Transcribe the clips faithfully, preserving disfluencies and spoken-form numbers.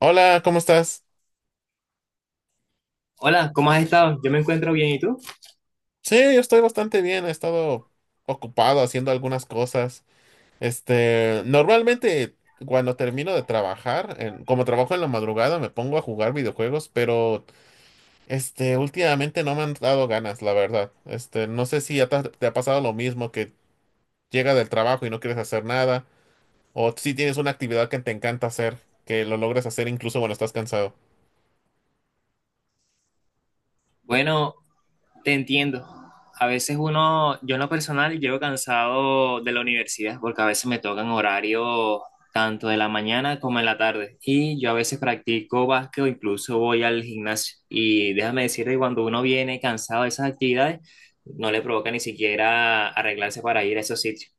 Hola, ¿cómo estás? Hola, ¿cómo has estado? Yo me encuentro bien, ¿y tú? Sí, yo estoy bastante bien. He estado ocupado haciendo algunas cosas. Este, normalmente cuando termino de trabajar, en- como trabajo en la madrugada, me pongo a jugar videojuegos, pero este, últimamente no me han dado ganas, la verdad. Este, no sé si ya te, te ha pasado lo mismo, que llega del trabajo y no quieres hacer nada, o si tienes una actividad que te encanta hacer, que lo logres hacer incluso cuando estás cansado. Bueno, te entiendo. A veces uno, yo en lo personal, llego cansado de la universidad porque a veces me tocan horarios tanto de la mañana como en la tarde. Y yo a veces practico básquet o incluso voy al gimnasio. Y déjame decirte que cuando uno viene cansado de esas actividades, no le provoca ni siquiera arreglarse para ir a esos sitios.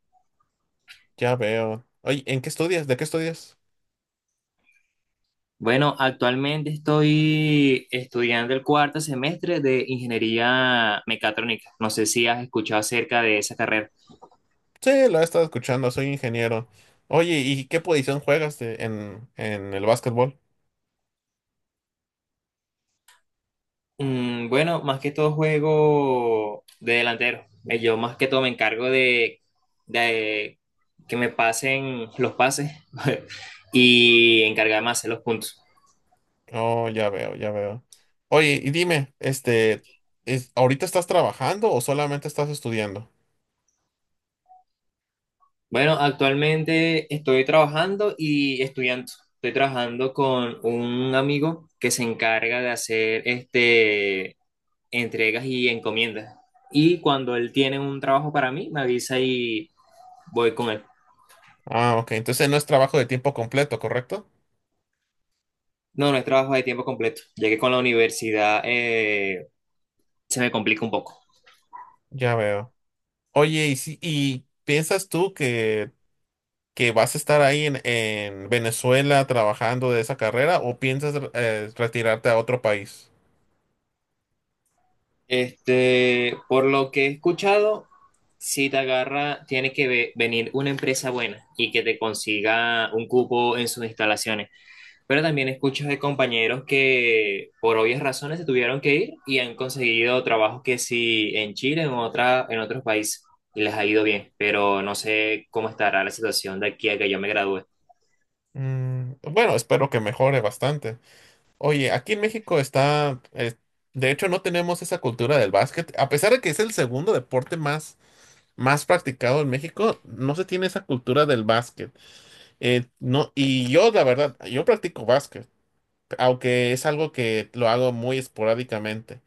Ya veo. Oye, ¿en qué estudias? ¿De qué estudias? Bueno, actualmente estoy estudiando el cuarto semestre de ingeniería mecatrónica. No sé si has escuchado acerca de esa carrera. Sí, lo he estado escuchando, soy ingeniero. Oye, ¿y qué posición juegas de- en, en el básquetbol? Mm, bueno, más que todo juego de delantero. Eh, Yo más que todo me encargo de, de que me pasen los pases y encargarme de hacer los puntos. Oh, ya veo, ya veo. Oye, y dime, este, es- ¿ahorita estás trabajando o solamente estás estudiando? Bueno, actualmente estoy trabajando y estudiando. Estoy trabajando con un amigo que se encarga de hacer este entregas y encomiendas. Y cuando él tiene un trabajo para mí, me avisa y voy con él. Ah, ok, entonces no es trabajo de tiempo completo, ¿correcto? No, no es trabajo de tiempo completo, ya que con la universidad eh, se me complica un poco. Ya veo. Oye, ¿y, si- y piensas tú que, que vas a estar ahí en, en Venezuela trabajando de esa carrera o piensas eh, retirarte a otro país? Este, por lo que he escuchado, si te agarra, tiene que ve- venir una empresa buena y que te consiga un cupo en sus instalaciones. Pero también escucho de compañeros que por obvias razones se tuvieron que ir y han conseguido trabajos que sí en Chile, en otra, en otros países, y les ha ido bien, pero no sé cómo estará la situación de aquí a que yo me gradúe. Mm, bueno, espero que mejore bastante. Oye, aquí en México está, eh, de hecho no tenemos esa cultura del básquet, a pesar de que es el segundo deporte más, más practicado en México, no se tiene esa cultura del básquet. Eh, no, y yo, la verdad, yo practico básquet, aunque es algo que lo hago muy esporádicamente.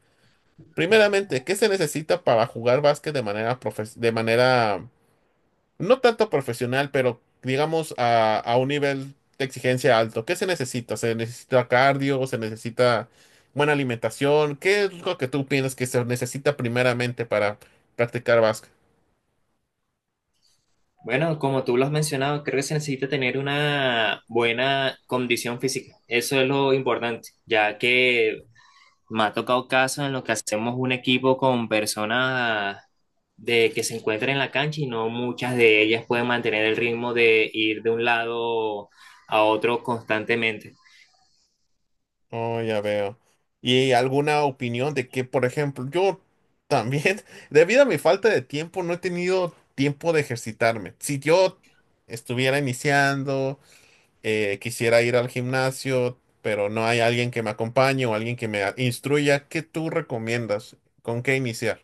Primeramente, ¿qué se necesita para jugar básquet de manera profes- de manera no tanto profesional, pero digamos a, a un nivel de exigencia alto? ¿Qué se necesita? ¿Se necesita cardio? ¿Se necesita buena alimentación? ¿Qué es lo que tú piensas que se necesita primeramente para practicar básquet? Bueno, como tú lo has mencionado, creo que se necesita tener una buena condición física. Eso es lo importante, ya que me ha tocado casos en los que hacemos un equipo con personas de que se encuentran en la cancha y no muchas de ellas pueden mantener el ritmo de ir de un lado a otro constantemente. Oh, ya veo. ¿Y alguna opinión de que, por ejemplo, yo también, debido a mi falta de tiempo, no he tenido tiempo de ejercitarme? Si yo estuviera iniciando eh, quisiera ir al gimnasio, pero no hay alguien que me acompañe o alguien que me a- instruya. ¿Qué tú recomiendas? ¿Con qué iniciar?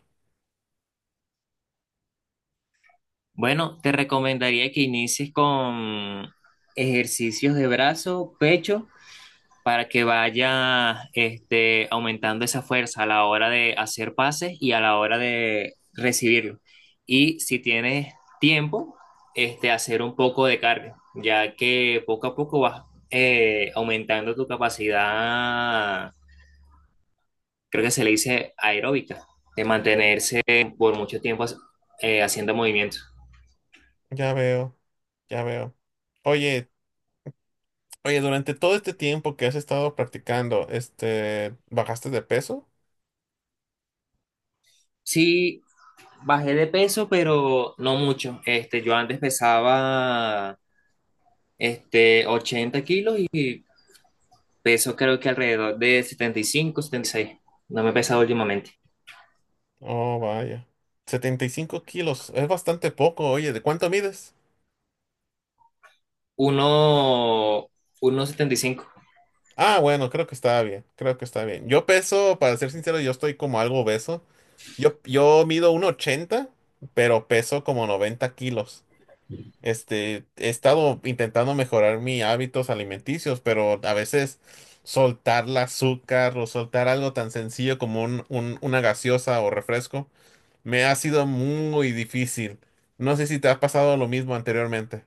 Bueno, te recomendaría que inicies con ejercicios de brazo, pecho para que vaya este, aumentando esa fuerza a la hora de hacer pases y a la hora de recibirlo. Y si tienes tiempo, este, hacer un poco de cardio, ya que poco a poco vas eh, aumentando tu capacidad, creo que se le dice aeróbica, de mantenerse por mucho tiempo eh, haciendo movimientos. Ya veo, ya veo. Oye, oye, durante todo este tiempo que has estado practicando, este, ¿bajaste de peso? Sí, bajé de peso, pero no mucho. Este, yo antes pesaba este, ochenta kilos y peso creo que alrededor de setenta, setenta y cinco, setenta y seis. No me he pesado últimamente. Oh, vaya. Setenta y cinco kilos, es bastante poco. Oye, ¿de cuánto mides? Uno, uno setenta y cinco. Ah, bueno, creo que está bien, creo que está bien. Yo peso, para ser sincero, yo estoy como algo obeso. Yo, yo mido uno ochenta, pero peso como noventa kilos. Este, he estado intentando mejorar mis hábitos alimenticios, pero a veces soltar el azúcar o soltar algo tan sencillo como un- un- una gaseosa o refresco me ha sido muy difícil. No sé si te ha pasado lo mismo anteriormente.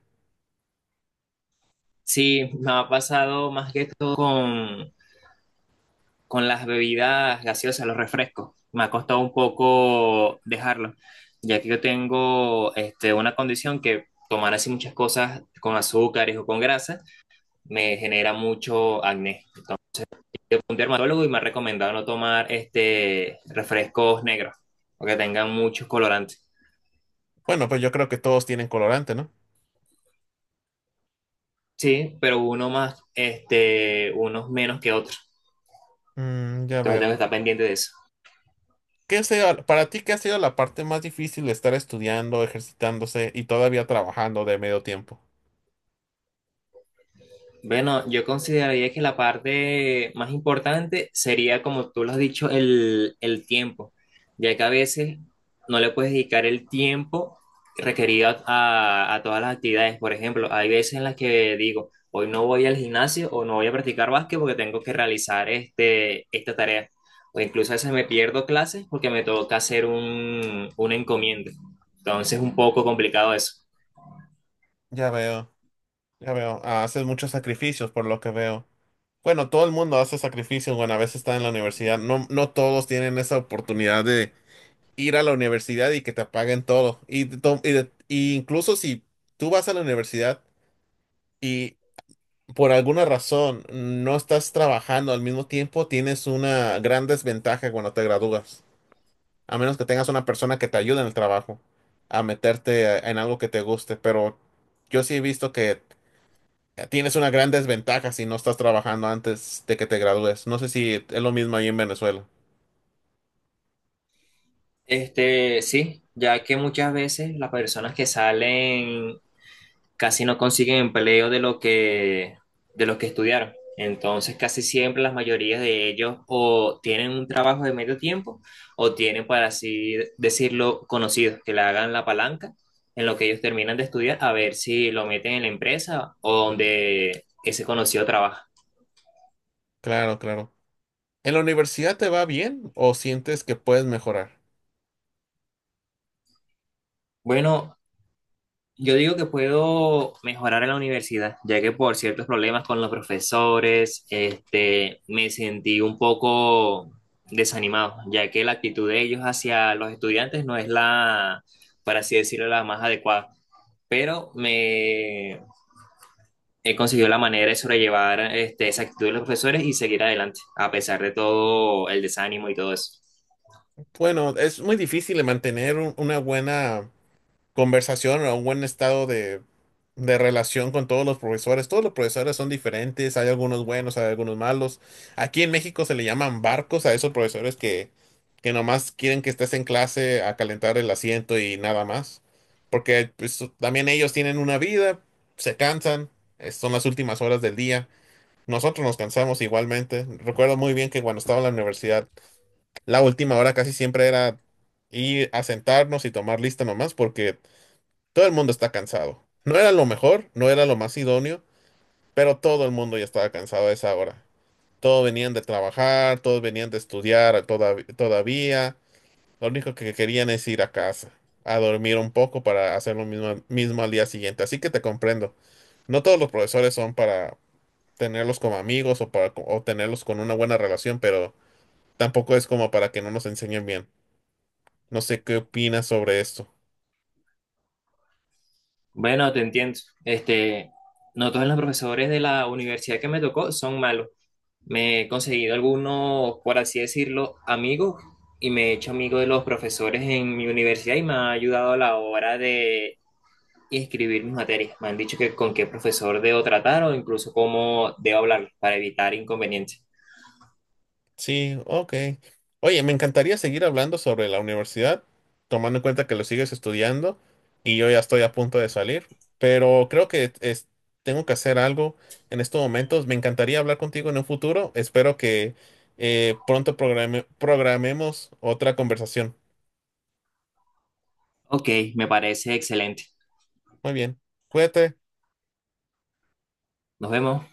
Sí, me ha pasado más que todo con, con las bebidas gaseosas, los refrescos. Me ha costado un poco dejarlo, ya que yo tengo este, una condición que tomar así muchas cosas con azúcares o con grasa me genera mucho acné. Yo fui a un dermatólogo y me ha recomendado no tomar este, refrescos negros, porque tengan muchos colorantes. Bueno, pues yo creo que todos tienen colorante, ¿no? Sí, pero uno más, este, unos menos que otros. Mm, ya Entonces veo. tengo que estar pendiente de eso. ¿Qué ha sido- para ti, qué ha sido la parte más difícil de estar estudiando, ejercitándose y todavía trabajando de medio tiempo? Bueno, yo consideraría que la parte más importante sería, como tú lo has dicho, el, el tiempo, ya que a veces no le puedes dedicar el tiempo requerido a, a todas las actividades. Por ejemplo, hay veces en las que digo, hoy no voy al gimnasio o no voy a practicar básquet porque tengo que realizar este, esta tarea. O incluso a veces me pierdo clases porque me toca hacer un, un encomienda. Entonces es un poco complicado eso. Ya veo, ya veo. Ah, haces muchos sacrificios por lo que veo. Bueno, todo el mundo hace sacrificios, bueno, a veces está en la universidad. No, no todos tienen esa oportunidad de ir a la universidad y que te paguen todo. Y, de to- y de- y incluso si tú vas a la universidad y por alguna razón no estás trabajando al mismo tiempo, tienes una gran desventaja cuando te gradúas. A menos que tengas una persona que te ayude en el trabajo a meterte eh, en algo que te guste. Pero yo sí he visto que tienes una gran desventaja si no estás trabajando antes de que te gradúes. No sé si es lo mismo ahí en Venezuela. Este, sí, ya que muchas veces las personas que salen casi no consiguen empleo de lo que, de lo que estudiaron. Entonces, casi siempre las mayorías de ellos o tienen un trabajo de medio tiempo o tienen, para así decirlo, conocidos que le hagan la palanca en lo que ellos terminan de estudiar a ver si lo meten en la empresa o donde ese conocido trabaja. Claro, claro. ¿En la universidad te va bien o sientes que puedes mejorar? Bueno, yo digo que puedo mejorar en la universidad, ya que por ciertos problemas con los profesores, este, me sentí un poco desanimado, ya que la actitud de ellos hacia los estudiantes no es la, por así decirlo, la más adecuada. Pero me he conseguido la manera de sobrellevar, este, esa actitud de los profesores y seguir adelante, a pesar de todo el desánimo y todo eso. Bueno, es muy difícil mantener un- una buena conversación o un buen estado de, de relación con todos los profesores. Todos los profesores son diferentes, hay algunos buenos, hay algunos malos. Aquí en México se le llaman barcos a esos profesores que, que nomás quieren que estés en clase a calentar el asiento y nada más. Porque pues, también ellos tienen una vida, se cansan, eh, son las últimas horas del día. Nosotros nos cansamos igualmente. Recuerdo muy bien que cuando estaba en la universidad, la última hora casi siempre era ir a sentarnos y tomar lista nomás, porque todo el mundo está cansado. No era lo mejor, no era lo más idóneo, pero todo el mundo ya estaba cansado a esa hora. Todos venían de trabajar, todos venían de estudiar todav- todavía. Lo único que querían es ir a casa, a dormir un poco para hacer lo mismo, mismo al día siguiente. Así que te comprendo. No todos los profesores son para tenerlos como amigos o para co- o tenerlos con una buena relación, pero tampoco es como para que no nos enseñen bien. No sé qué opinas sobre esto. Bueno, te entiendo. Este, no todos los profesores de la universidad que me tocó son malos. Me he conseguido algunos, por así decirlo, amigos y me he hecho amigo de los profesores en mi universidad y me ha ayudado a la hora de inscribir mis materias. Me han dicho que con qué profesor debo tratar o incluso cómo debo hablar para evitar inconvenientes. Sí, ok. Oye, me encantaría seguir hablando sobre la universidad, tomando en cuenta que lo sigues estudiando y yo ya estoy a punto de salir, pero creo que es- tengo que hacer algo en estos momentos. Me encantaría hablar contigo en un futuro. Espero que eh, pronto programe- programemos otra conversación. Ok, me parece excelente. Muy bien, cuídate. Nos vemos.